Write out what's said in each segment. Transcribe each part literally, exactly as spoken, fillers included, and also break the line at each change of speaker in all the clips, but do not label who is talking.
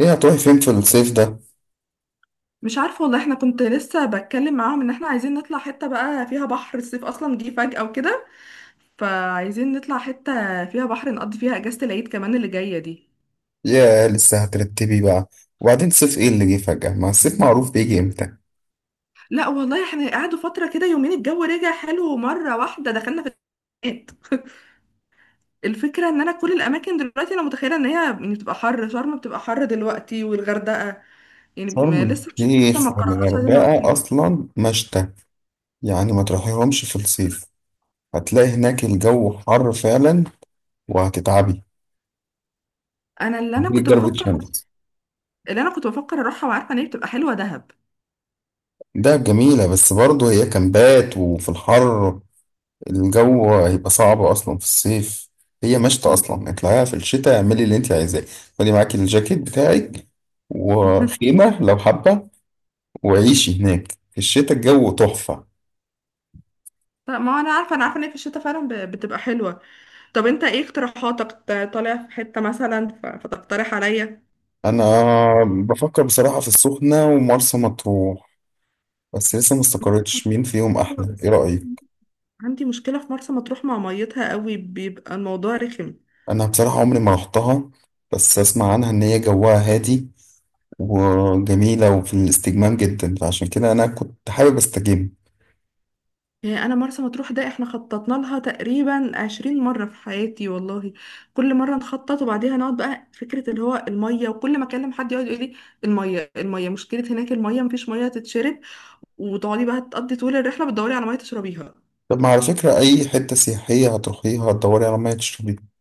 ايه هتروحي فين في الصيف ده؟
مش عارفة والله، احنا كنت لسه بتكلم معاهم ان احنا عايزين نطلع حتة بقى فيها بحر. الصيف اصلا جه فجأة وكده، فعايزين نطلع حتة فيها بحر نقضي فيها اجازة العيد كمان اللي جاية دي.
يا لسه هترتبي بقى. وبعدين صيف ايه اللي جه فجأة؟ ما الصيف معروف بيجي امتى.
لا والله، احنا قعدوا فترة كده يومين الجو رجع حلو، مرة واحدة دخلنا في الشتاء. الفكرة ان انا كل الاماكن دلوقتي انا متخيلة ان هي يعني بتبقى حر، شرم بتبقى حر دلوقتي والغردقة. يعني م-
شرم
لسه، مش، لسه
الشيخ
ما قررناش عايزين نروح
والغردقة
فين.
اصلا مشتى، يعني ما تروحيهمش في الصيف، هتلاقي هناك الجو حر فعلا وهتتعبي.
انا اللي انا
هتجيلك
كنت
ضربة
بفكر
شمس.
اللي انا كنت بفكر اروحها، وعارفة ان هي بتبقى حلوة دهب.
ده جميلة بس برضه هي كامبات وفي الحر الجو هيبقى صعب اصلا في الصيف. هي مشتى اصلا، اطلعيها في الشتاء، اعملي اللي انت عايزاه. خدي معاكي الجاكيت بتاعك وخيمة لو حابة، وعيشي هناك في الشتاء الجو تحفة.
طب ما هو انا عارفه انا عارفه ان هي في الشتاء فعلا ب- بتبقى حلوه. طب انت ايه اقتراحاتك؟ ت- طالع في حته مثلا ف- فتقترح عليا.
أنا بفكر بصراحة في السخنة ومرسى مطروح، بس لسه ما استقرتش مين فيهم
حلوة،
أحلى. إيه
بس
رأيك؟
عندي مشكله في مرسى مطروح، مع ميتها قوي بيبقى الموضوع رخم.
أنا بصراحة عمري ما رحتها، بس أسمع عنها إن هي جواها هادي وجميلة وفي الاستجمام جدا، فعشان كده أنا كنت حابب أستجم.
يعني انا مرسى مطروح ده احنا خططنا لها تقريبا عشرين مره في حياتي والله. كل مره نخطط وبعديها نقعد بقى فكره اللي هو الميه، وكل ما اكلم حد يقعد يقول لي الميه الميه مشكله هناك، الميه مفيش ميه تتشرب، وتقعدي بقى تقضي طول الرحله بتدوري على ميه تشربيها.
طب ما على فكرة أي حتة سياحية هتروحيها هتدوري على مية تشربيها.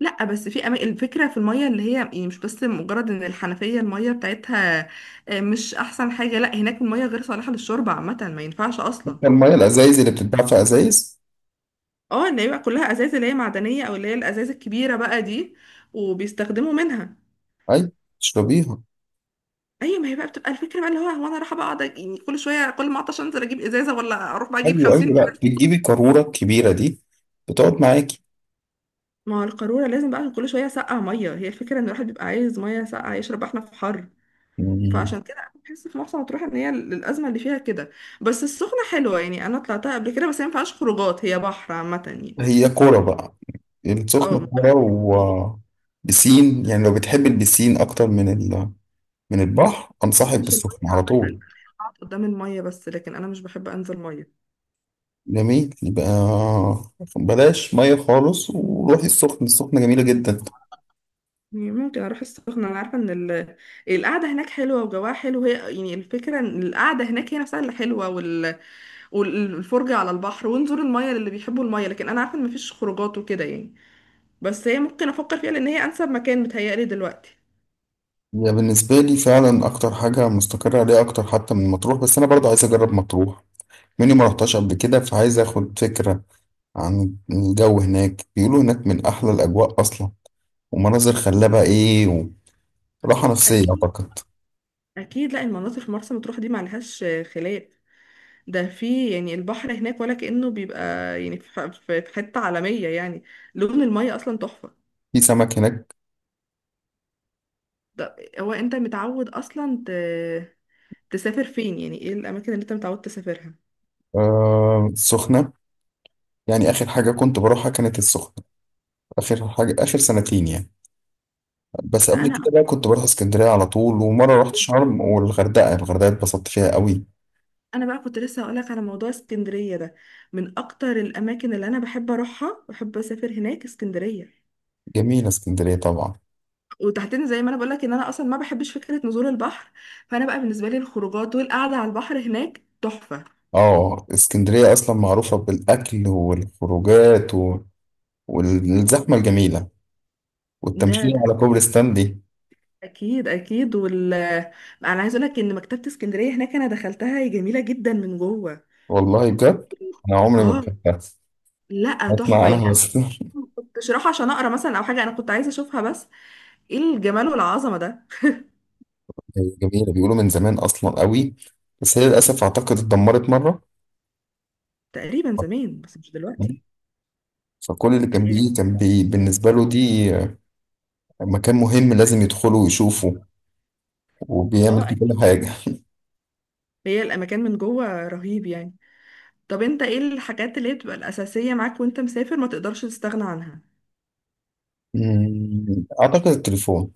لا بس في أما... الفكره في الميه اللي هي يعني مش بس مجرد ان الحنفيه الميه بتاعتها. آه، مش احسن حاجه، لا هناك الميه غير صالحه للشرب عامه، ما ينفعش اصلا.
حتى المية الأزايز اللي بتتباع في أزايز.
اه اللي هي بقى كلها ازاز، اللي هي معدنيه او اللي هي الازاز الكبيره بقى دي وبيستخدموا منها.
أي، تشربيها.
ايوه، ما هي بقى بتبقى الفكره بقى اللي هو هو انا رايحه بقى اقعد، يعني كل شويه كل ما اعطش انزل اجيب ازازه، ولا اروح بقى اجيب
أيوه أيوه،
خمسين
لأ
ازازه.
بتجيبي قارورة الكبيرة دي، بتقعد
ما هو القاروره لازم بقى كل شويه سقع ميه، هي الفكره ان الواحد بيبقى عايز ميه ساقعه يشرب، احنا في حر.
معاكي.
فعشان كده انا بحس في مرسى مطروح ان هي الازمه اللي فيها كده. بس السخنه حلوه، يعني انا طلعتها قبل كده، بس هي ما فيهاش خروجات، هي بحر عامه يعني.
هي كورة بقى،
اه
السخنة
ما
كورة
بقولك، هي
و بسين يعني لو بتحب البسين أكتر من ال... من البحر أنصحك
مش
بالسخنة
الميه،
على
عامه أنا
طول.
بقعد قدام الميه بس، لكن انا مش بحب انزل ميه.
جميل، يبقى بلاش مية خالص وروحي السخنة، السخنة جميلة جدا.
يعني ممكن اروح السخنه، انا عارفه ان ال... القعده هناك حلوه، وجواها حلو. هي يعني الفكره ان القعده هناك هي نفسها اللي حلوه، وال... والفرجه على البحر، ونزور الميه للي بيحبوا الميه، لكن انا عارفه ان مفيش خروجات وكده يعني. بس هي ممكن افكر فيها، لان هي انسب مكان متهيألي دلوقتي.
هي بالنسبة لي فعلا أكتر حاجة مستقرة عليها، أكتر حتى من مطروح، بس أنا برضه عايز أجرب مطروح، مني ما رحتش قبل كده، فعايز أخد فكرة عن الجو هناك. بيقولوا هناك من أحلى الأجواء أصلا، ومناظر خلابة إيه، وراحة نفسية
اكيد،
أعتقد.
اكيد، لا المناطق في مرسى مطروح دي معلهاش خلاف. ده في يعني البحر هناك ولا كأنه بيبقى، يعني في ح- في- في حتة عالمية يعني. لون المية اصلا تحفة.
في سمك هناك؟
ده هو انت متعود اصلا ت... تسافر فين؟ يعني ايه الاماكن اللي انت متعود تسافرها؟
آه، السخنة. يعني آخر حاجة كنت بروحها كانت السخنة، آخر حاجة آخر سنتين يعني. بس
بس
قبل
انا
كده بقى كنت بروح اسكندرية على طول، ومرة رحت شرم والغردقة، الغردقة اتبسطت فيها قوي.
انا بقى كنت لسه هقولك على موضوع اسكندرية ده. من اكتر الاماكن اللي انا بحب اروحها، بحب اسافر هناك اسكندرية.
جميلة اسكندرية طبعا.
وتحديدا زي ما انا بقولك ان انا اصلا ما بحبش فكرة نزول البحر، فانا بقى بالنسبة لي الخروجات والقعدة على البحر هناك تحفة.
اه اسكندرية أصلا معروفة بالأكل والخروجات و... والزحمة الجميلة
ده
والتمشية
ده
على كوبري ستانلي.
اكيد، اكيد. وال انا عايز اقول لك ان مكتبه اسكندريه هناك انا دخلتها، هي جميله جدا من جوه.
والله بجد أنا عمري ما
اه
بحبها،
لا
أسمع
تحفه، يعني
أنا
انا
بس.
ما كنتش رايحه عشان اقرا مثلا او حاجه، انا كنت عايزه اشوفها بس. ايه الجمال والعظمه ده!
هي جميلة بيقولوا من زمان أصلا قوي، بس هي للأسف أعتقد اتدمرت مرة.
تقريبا زمان بس مش دلوقتي.
فكل اللي
يعني
كان
هي-
بيجي كان بي بالنسبة له دي مكان مهم لازم يدخله ويشوفه
اه
وبيعمل فيه
اكيد.
كل حاجة.
هي الاماكن من جوه رهيب يعني. طب انت ايه الحاجات اللي هي بتبقى الاساسيه معاك وانت مسافر ما تقدرش تستغنى عنها؟
مم، أعتقد التليفون،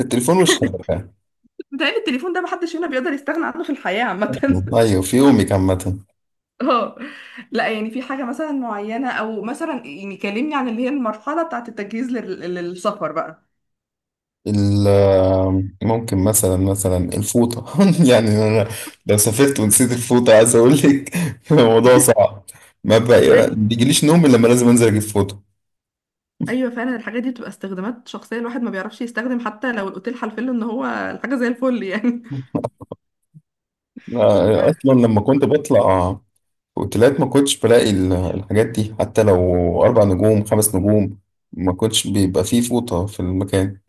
التليفون والشبكة.
بتهيألي التليفون ده محدش هنا بيقدر يستغنى عنه في الحياه عامه.
أيوة في يومي عامة.
اه، لا يعني في حاجة مثلا معينة، او مثلا يعني كلمني عن اللي هي المرحلة بتاعت التجهيز لل- للسفر بقى.
ال- ممكن مثلا مثلا الفوطة. يعني أنا لو سافرت ونسيت الفوطة عايز أقول لك الموضوع صعب. ما بقى-
ايوه،
بيجيليش نوم إلا لما لازم أنزل أجيب فوطة.
ايوه فعلا الحاجات دي بتبقى استخدامات شخصيه الواحد ما بيعرفش يستخدم، حتى لو الاوتيل حلفله ان هو الحاجه زي الفل يعني. آه،
آه، أصلا لما كنت بطلع اوتيلات ما كنتش بلاقي ال- الحاجات دي، حتى لو اربع نجوم خمس نجوم ما كنتش بيبقى فيه فوطة في المكان،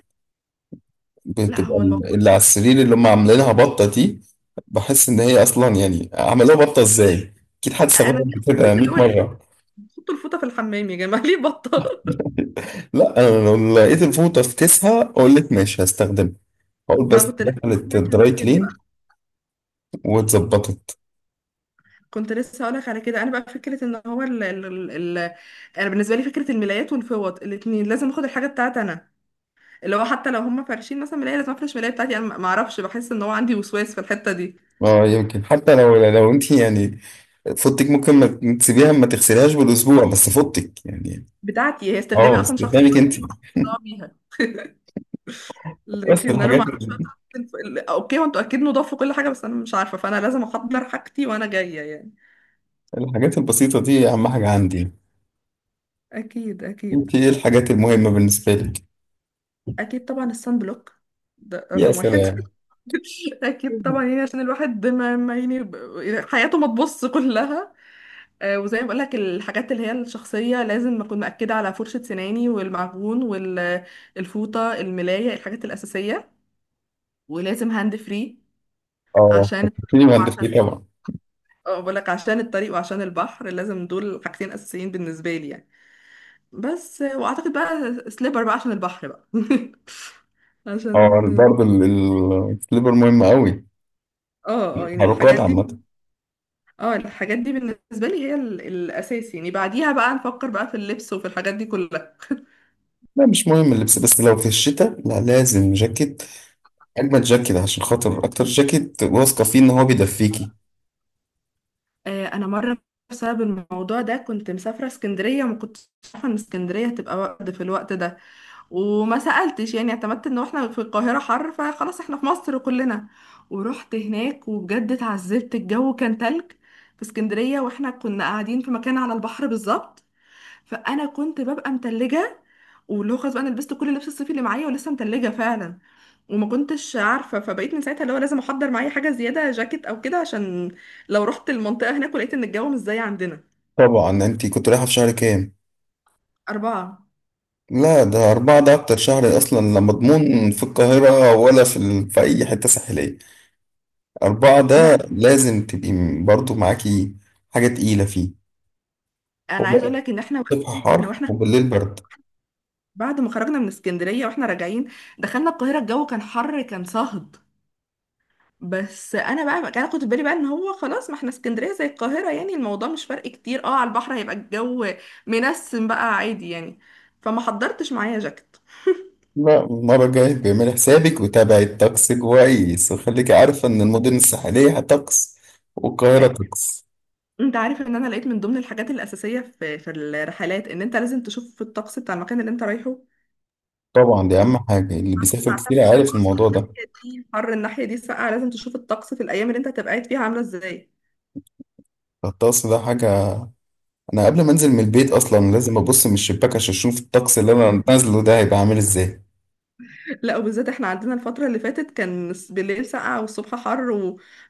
لا
بتبقى
هو
ال-
المفروض.
اللي على السرير اللي هم عاملينها بطة دي. بحس ان هي اصلا يعني عملوها بطة ازاي؟ اكيد حد
انا
استخدمها
دي
قبل
اصلا
كده
الناس اللي
مية
هو ليه
مرة.
بتحطوا الفوطه في الحمام يا جماعه ليه بطه؟
لا انا لو لقيت الفوطة في كيسها اقول لك ماشي هستخدمها، اقول
ما
بس
كنت لسه هقول
دخلت
لك على
الدراي
كده بقى.
كلين واتظبطت.
كنت لسه هقول لك على كده، انا بقى فكره ان هو ال ال ال ال- انا بالنسبه لي فكره الملايات والفوط الاثنين لازم اخد الحاجه بتاعتي انا، اللي هو حتى لو هم فارشين مثلا ملاية لازم افرش ملاية بتاعتي انا، ما اعرفش بحس ان هو عندي وسواس في الحتة دي.
اه يمكن حتى لو لو انت يعني فوطك ممكن ما تسيبيها ما تغسليهاش بالاسبوع، بس فوطك يعني.
بتاعتي هي استخدامي
اه
اصلا شخصي،
استخدامك انت.
ما حدش ضاع بيها.
بس
لكن انا ما
الحاجات
اعرفش بقى بتاعت الف- ال- اوكي، وانتوا اكيد نضاف وكل حاجة، بس انا مش عارفة، فانا لازم احضر حاجتي وانا جاية يعني.
الحاجات البسيطة دي أهم حاجة عندي.
اكيد، اكيد،
أنت إيه الحاجات المهمة بالنسبة لك؟
اكيد، طبعا الصن بلوك ده
يا
رقم واحد.
سلام.
اكيد طبعا، يعني عشان الواحد ما ما يعني ب- حياته ما تبص كلها. آه، وزي ما بقولك الحاجات اللي هي الشخصية لازم أكون مأكدة على فرشة سناني والمعجون والفوطة الملاية الحاجات الأساسية. ولازم هاند فري.
أه
عشان
فكرتيني بهندسة،
عشان
إيه طبعا.
اه بقولك، عشان الطريق وعشان البحر لازم دول حاجتين أساسيين بالنسبة لي يعني. بس آه، وأعتقد بقى سليبر بقى عشان البحر بقى.
أه
عشان ال-
برضه ال- ال- السليبر مهم أوي.
اه، اه، يعني
التحركات
الحاجات دي.
عامة.
اه الحاجات دي بالنسبة لي هي ال- الأساس، يعني بعديها بقى نفكر بقى في اللبس وفي الحاجات دي كلها.
لا مش مهم اللبس، بس لو في الشتاء لا لازم جاكيت، أجمل جاكيت عشان خاطر أكتر جاكيت واثقة فيه إن هو بيدفيكي.
آه، انا مره بسبب الموضوع ده كنت مسافره اسكندريه، ما كنتش عارفه ان اسكندريه هتبقى برد في الوقت ده وما سالتش، يعني اعتمدت ان احنا في القاهره حر فخلاص احنا في مصر كلنا. ورحت هناك وبجد اتعذبت، الجو كان تلج في اسكندريه، واحنا كنا قاعدين في مكان على البحر بالظبط، فانا كنت ببقى متلجه. ولو خلاص بقى انا لبست كل اللبس الصيفي اللي معايا ولسه متلجه فعلا، وما كنتش عارفه. فبقيت من ساعتها اللي هو لازم احضر معايا حاجه زياده جاكيت او كده، عشان لو رحت المنطقه هناك ولقيت ان الجو مش زي عندنا.
طبعا. أنت كنت رايحة في شهر كام؟
اربعه.
لا ده أربعة، ده أكتر شهر أصلا لا مضمون في القاهرة ولا في, ال... في أي حتة ساحلية. أربعة ده
لا
لازم تبقي م- برضو معاكي حاجة تقيلة فيه.
انا
هو
عايز اقول لك ان احنا
الصبح
احنا
حر
واحنا خارجين
وبالليل برد.
بعد ما خرجنا من اسكندريه واحنا راجعين دخلنا القاهره، الجو كان حر كان صهد. بس انا بقى انا كنت في بالي بقى ان هو خلاص، ما احنا اسكندريه زي القاهره، يعني الموضوع مش فرق كتير اه، على البحر هيبقى الجو منسم بقى عادي يعني، فما حضرتش معايا جاكيت.
لا المرة الجاية بيعمل حسابك وتابعي الطقس كويس، وخليكي عارفة إن المدن الساحلية هتطقس والقاهرة
أي.
طقس.
انت عارف ان انا لقيت من ضمن الحاجات الاساسيه في في الرحلات، ان انت لازم تشوف الطقس بتاع المكان اللي انت رايحه،
طبعا دي أهم حاجة، اللي
عشان
بيسافر كتير
تعتمد ان هو
عارف
اصلا
الموضوع ده.
الناحيه دي حر، الناحيه دي ساقعه. لازم تشوف الطقس في الايام اللي انت هتبقى قاعد فيها عامله ازاي.
الطقس ده حاجة، أنا قبل ما أنزل من البيت أصلا لازم أبص من الشباك عشان أشوف الطقس اللي أنا نازله ده هيبقى عامل إزاي.
لا، وبالذات احنا عندنا الفترة اللي فاتت كان الس- بالليل سقعة والصبح حر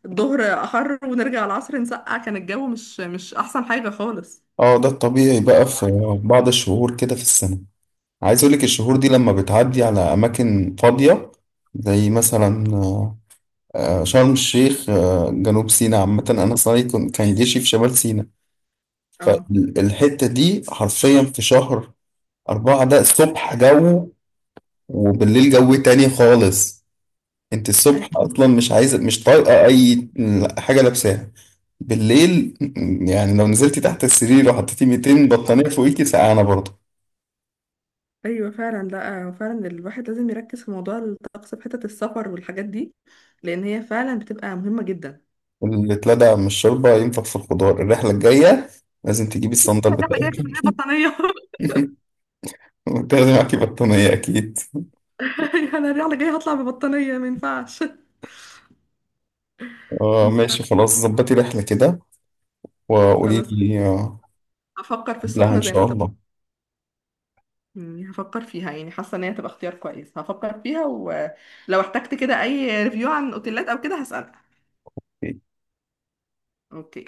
والظهر حر ونرجع العصر نسقع، كان الجو مش مش أحسن حاجة خالص.
اه ده الطبيعي بقى في بعض الشهور كده في السنة. عايز اقولك الشهور دي لما بتعدي على اماكن فاضية، زي مثلا آه، آه، شرم الشيخ، آه، جنوب سيناء عامة، انا صاري كن- كان جيشي في شمال سيناء.
اه
فالحتة دي حرفيا في شهر أربعة، ده الصبح جو وبالليل جو تاني خالص. انت الصبح اصلا
اكيد.
مش عايزة مش طايقة اي حاجة لابساها، بالليل يعني لو نزلتي تحت السرير وحطيتي ميتين بطانية فوقيكي سقعانة برضه.
أيوة فعلا، لا فعلا الواحد لازم يركز في موضوع الطقس في حتة السفر والحاجات دي، لأن هي فعلا بتبقى مهمة جدا.
اللي اتلدع من الشوربة ينفخ في الخضار، الرحلة الجاية لازم تجيبي الصندل
الرحلة
بتاعك
جاية من بطانية.
وتاخدي معاكي بطانية أكيد.
أنا الرحلة جاية هطلع ببطانية، ما ينفعش. ما
اه ماشي
ينفعش.
خلاص، ظبطي رحلة كده وقولي
خلاص،
لي، آه،
أفكر في
قبلها
السخنة
إن
زي ما
شاء
انت.
الله.
مم، هفكر فيها، يعني حاسه ان هي تبقى اختيار كويس. هفكر فيها ولو احتجت كده اي ريفيو عن اوتيلات او كده هسألك. اوكي.